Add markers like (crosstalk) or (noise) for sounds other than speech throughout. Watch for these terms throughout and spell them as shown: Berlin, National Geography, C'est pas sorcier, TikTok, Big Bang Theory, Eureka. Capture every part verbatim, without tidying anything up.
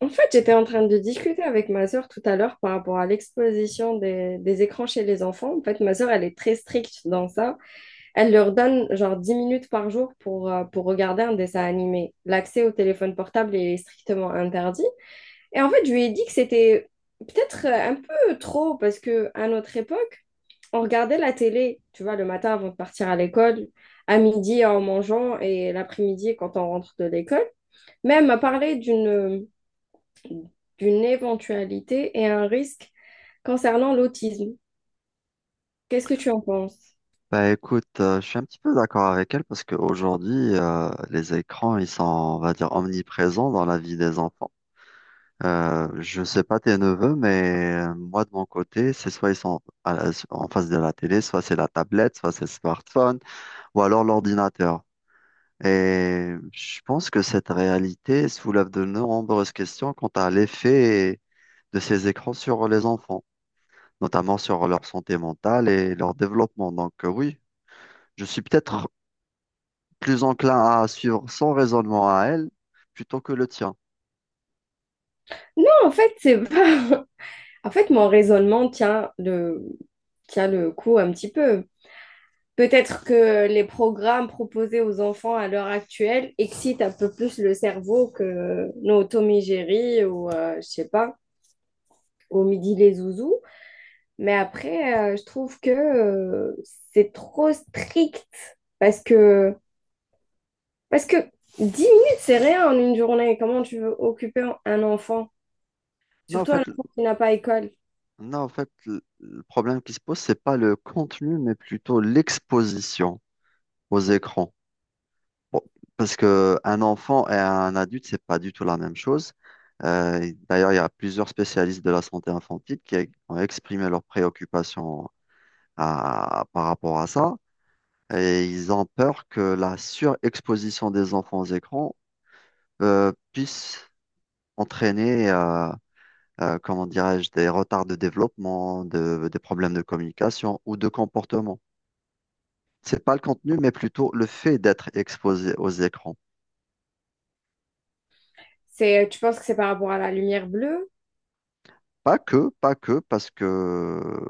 En fait, j'étais en train de discuter avec ma sœur tout à l'heure par rapport à l'exposition des, des écrans chez les enfants. En fait, ma sœur, elle est très stricte dans ça. Elle leur donne genre dix minutes par jour pour, euh, pour regarder un dessin animé. L'accès au téléphone portable est strictement interdit. Et en fait, je lui ai dit que c'était peut-être euh, un peu trop parce que à notre époque, on regardait la télé, tu vois, le matin avant de partir à l'école, à midi en mangeant et l'après-midi quand on rentre de l'école. Même à parler d'une euh, d'une éventualité et un risque concernant l'autisme. Qu'est-ce que tu en penses? Bah écoute, euh, je suis un petit peu d'accord avec elle parce qu'aujourd'hui, euh, les écrans, ils sont, on va dire, omniprésents dans la vie des enfants. Euh, je sais pas tes neveux, mais euh, moi de mon côté, c'est soit ils sont à la- en face de la télé, soit c'est la tablette, soit c'est le smartphone, ou alors l'ordinateur. Et je pense que cette réalité soulève de nombreuses questions quant à l'effet de ces écrans sur les enfants, notamment sur leur santé mentale et leur développement. Donc euh, oui. Je suis peut-être plus enclin à suivre son raisonnement à elle plutôt que le tien. Non, en fait, c'est pas... (laughs) En fait, mon raisonnement tient le, tient le coup un petit peu. Peut-être que les programmes proposés aux enfants à l'heure actuelle excitent un peu plus le cerveau que nos Tommy Jerry ou, euh, je sais pas, au midi les zouzous. Mais après, euh, je trouve que euh, c'est trop strict parce que Parce que dix minutes, c'est rien en une journée. Comment tu veux occuper un enfant? Non, en Surtout un fait, enfant qui n'a pas école. non, en fait, le le problème qui se pose, c'est pas le contenu, mais plutôt l'exposition aux écrans. Bon, parce que un enfant et un adulte, c'est pas du tout la même chose. Euh, et d'ailleurs, il y a plusieurs spécialistes de la santé infantile qui ont exprimé leurs préoccupations à- par rapport à ça. Et ils ont peur que la surexposition des enfants aux écrans euh, puisse entraîner euh, euh, comment dirais-je, des retards de développement, de- des problèmes de communication ou de comportement. C'est pas le contenu, mais plutôt le fait d'être exposé aux écrans. C'est, tu penses que c'est par rapport à la lumière bleue? Pas que, pas que, parce que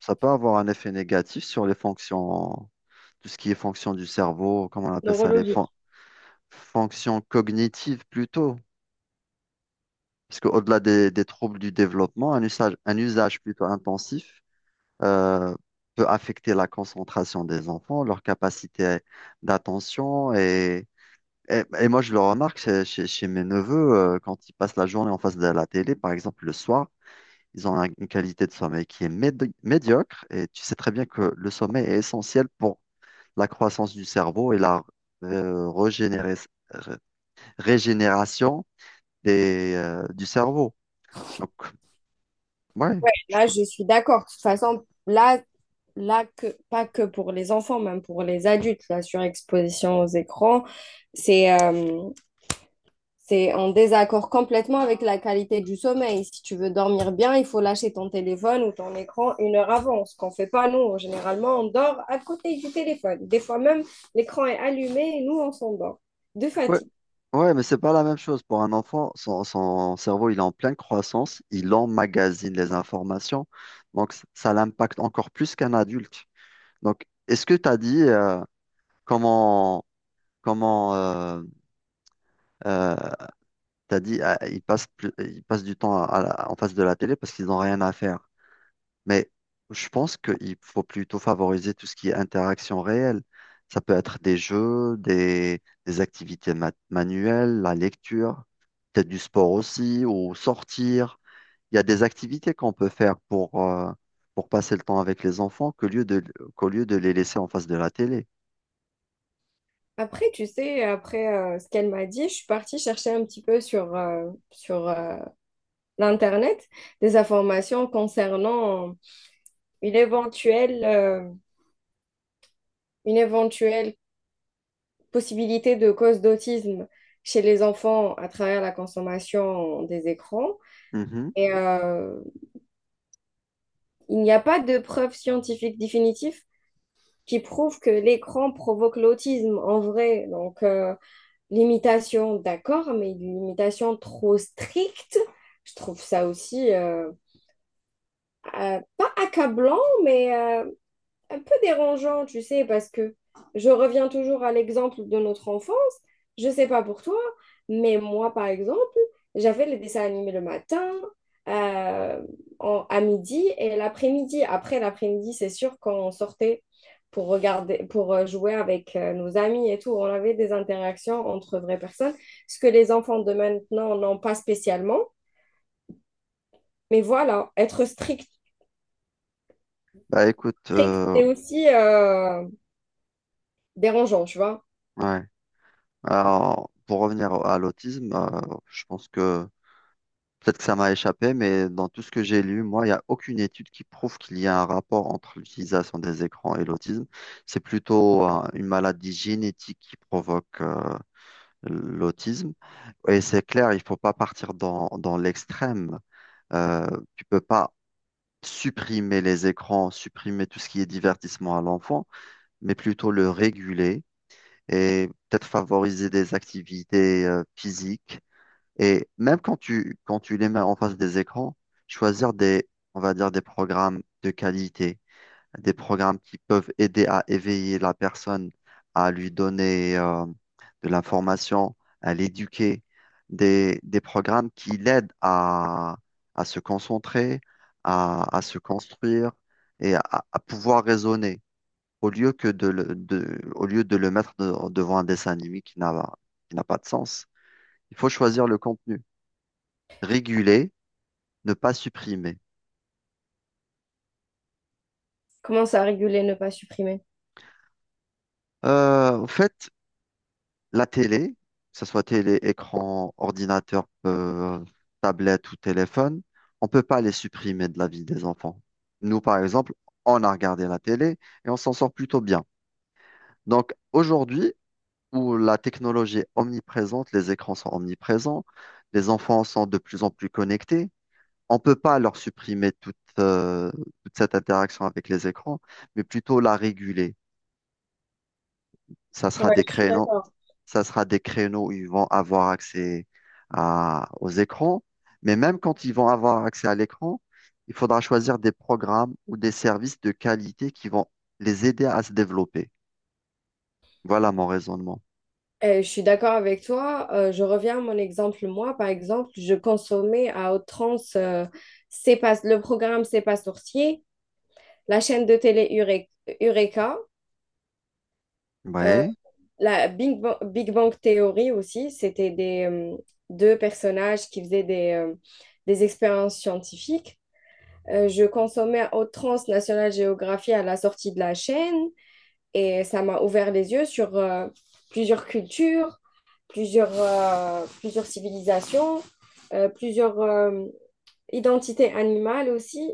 ça peut avoir un effet négatif sur les fonctions, tout ce qui est fonction du cerveau, comment on appelle ça, les fon- Neurologique. fonctions cognitives plutôt. Parce qu'au-delà des, des troubles du développement, un usage, un usage plutôt intensif euh, peut affecter la concentration des enfants, leur capacité d'attention. Et, et, et moi, je le remarque chez, chez- chez mes neveux, euh, quand ils passent la journée en face de la télé, par exemple le soir, ils ont un- une qualité de sommeil qui est médi- médiocre. Et tu sais très bien que le sommeil est essentiel pour la croissance du cerveau et la euh, régénérer- ré- régénération des, euh, du cerveau. Donc, ouais. Ouais, là, je suis d'accord. De toute façon, là, là que, pas que pour les enfants, même pour les adultes, la surexposition aux écrans, c'est euh, c'est en désaccord complètement avec la qualité du sommeil. Si tu veux dormir bien, il faut lâcher ton téléphone ou ton écran une heure avant, ce qu'on ne fait pas nous. Généralement, on dort à côté du téléphone. Des fois même, l'écran est allumé et nous, on s'endort de Ouais, fatigue. ouais, mais c'est pas la même chose. Pour un enfant, son, son cerveau, il est en pleine croissance, il emmagasine les informations, donc c- ça l'impacte encore plus qu'un adulte. Donc, est-ce que tu as dit euh, comment, comment euh, euh, t'as dit ah, ils passent plus- ils passent du temps à- à la- en face de la télé parce qu'ils n'ont rien à faire. Mais je pense qu'il faut plutôt favoriser tout ce qui est interaction réelle. Ça peut être des jeux, des, des activités ma- manuelles, la lecture. Peut-être du sport aussi, ou sortir. Il y a des activités qu'on peut faire pour, euh, pour passer le temps avec les enfants qu'au lieu de, qu'au lieu de les laisser en face de la télé. Après, tu sais, après euh, ce qu'elle m'a dit, je suis partie chercher un petit peu sur, euh, sur euh, l'Internet des informations concernant une éventuelle, euh, une éventuelle possibilité de cause d'autisme chez les enfants à travers la consommation des écrans. Mhm. Et euh, il n'y a pas de preuve scientifique définitive qui prouve que l'écran provoque l'autisme en vrai. Donc, euh, l'imitation, d'accord, mais une limitation trop stricte, je trouve ça aussi euh, euh, pas accablant, mais Euh, un peu dérangeant, tu sais, parce que je reviens toujours à l'exemple de notre enfance. Je sais pas pour toi, mais moi, par exemple, j'avais les dessins animés le matin, euh, en- à midi et l'après-midi. Après l'après-midi, c'est sûr, quand on sortait pour regarder, pour euh, jouer avec euh, nos amis et tout, on avait des interactions entre vraies personnes, ce que les enfants de maintenant n'ont pas spécialement. Mais voilà, être strict, Bah écoute, strict, euh, c'est aussi euh, dérangeant, tu vois. ouais. Alors, pour revenir à l'autisme, euh, je pense que peut-être que ça m'a échappé, mais dans tout ce que j'ai lu, moi, il n'y a aucune étude qui prouve qu'il y a un rapport entre l'utilisation des écrans et l'autisme. C'est plutôt, euh, une maladie génétique qui provoque, euh, l'autisme. Et c'est clair, il faut pas partir dans, dans l'extrême. Euh, Tu peux pas supprimer les écrans, supprimer tout ce qui est divertissement à l'enfant, mais plutôt le réguler et peut-être favoriser des activités euh, physiques. Et même quand tu, quand tu les mets en face des écrans, choisir des, on va dire, des programmes de qualité, des programmes qui peuvent aider à éveiller la personne, à lui donner euh, de l'information, à l'éduquer, des, des programmes qui l'aident à, à se concentrer, à, à se construire et à, à pouvoir raisonner, au lieu que de le, de- au lieu de le mettre de- devant un dessin animé qui n'a, qui n'a pas de sens. Il faut choisir le contenu, réguler, ne pas supprimer. Commence à réguler, ne pas supprimer. Euh, en fait, la télé, que ce soit télé, écran, ordinateur, euh, tablette ou téléphone, on ne peut pas les supprimer de la vie des enfants. Nous, par exemple, on a regardé la télé et on s'en sort plutôt bien. Donc aujourd'hui, où la technologie est omniprésente, les écrans sont omniprésents, les enfants sont de plus en plus connectés, on ne peut pas leur supprimer toute, euh, toute cette interaction avec les écrans, mais plutôt la réguler. Ça sera Ouais, des je suis créneaux, d'accord. ça sera des créneaux où ils vont avoir accès à- aux écrans. Mais même quand ils vont avoir accès à l'écran, il faudra choisir des programmes ou des services de qualité qui vont les aider à se développer. Voilà mon raisonnement. Euh, je suis d'accord avec toi. Euh, je reviens à mon exemple. Moi, par exemple, je consommais à outrance euh, C'est pas, le programme C'est pas sorcier, la chaîne de télé Ure- Eureka, euh, Ouais, la Big Bang, Big Bang Theory aussi. C'était des euh, deux personnages qui faisaient des, euh, des expériences scientifiques. Euh, je consommais à outrance National Geography à la sortie de la chaîne et ça m'a ouvert les yeux sur euh, plusieurs cultures, plusieurs, euh, plusieurs civilisations, euh, plusieurs euh, identités animales aussi.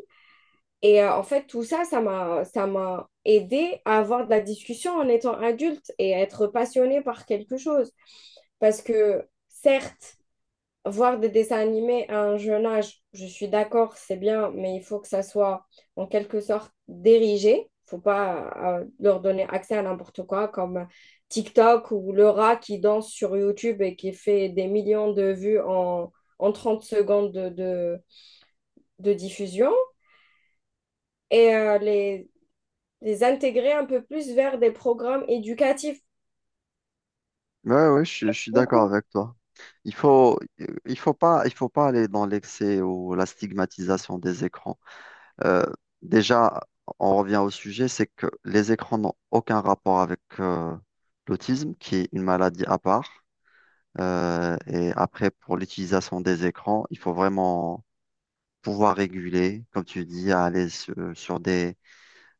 Et euh, en fait, tout ça, ça m'a, ça m'a aidé à avoir de la discussion en étant adulte et à être passionnée par quelque chose. Parce que certes, voir des dessins animés à un jeune âge, je suis d'accord, c'est bien, mais il faut que ça soit en quelque sorte dirigé. Faut pas euh, leur donner accès à n'importe quoi, comme TikTok ou le rat qui danse sur YouTube et qui fait des millions de vues en, en trente secondes de, de, de diffusion. Et euh, les, les intégrer un peu plus vers des programmes éducatifs. ouais, ouais, je, je suis d'accord Beaucoup. avec toi. Il faut, il faut pas, il faut pas aller dans l'excès ou la stigmatisation des écrans. Euh, Déjà, on revient au sujet, c'est que les écrans n'ont aucun rapport avec euh, l'autisme, qui est une maladie à part. Euh, et après, pour l'utilisation des écrans, il faut vraiment pouvoir réguler, comme tu dis, à aller sur, sur des,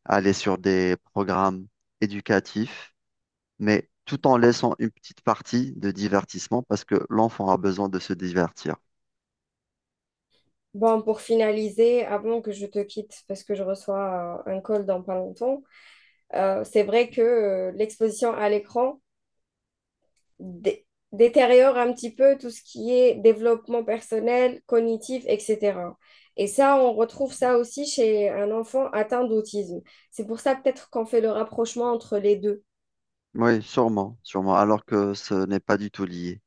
aller sur des programmes éducatifs, mais tout en laissant une petite partie de divertissement parce que l'enfant a besoin de se divertir. Bon, pour finaliser, avant que je te quitte, parce que je reçois euh, un call dans pas longtemps. Euh, c'est vrai que euh, l'exposition à l'écran dé- détériore un petit peu tout ce qui est développement personnel, cognitif, et cætera. Et ça, on retrouve ça aussi chez un enfant atteint d'autisme. C'est pour ça peut-être qu'on fait le rapprochement entre les deux. Oui, sûrement, sûrement, alors que ce n'est pas du tout lié.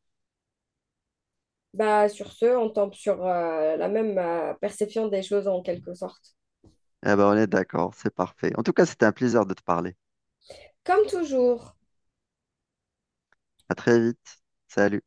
Bah, sur ce, on tombe sur euh, la même euh, perception des choses en quelque sorte. Eh ben, on est d'accord, c'est parfait. En tout cas, c'était un plaisir de te parler. Comme toujours. À très vite. Salut.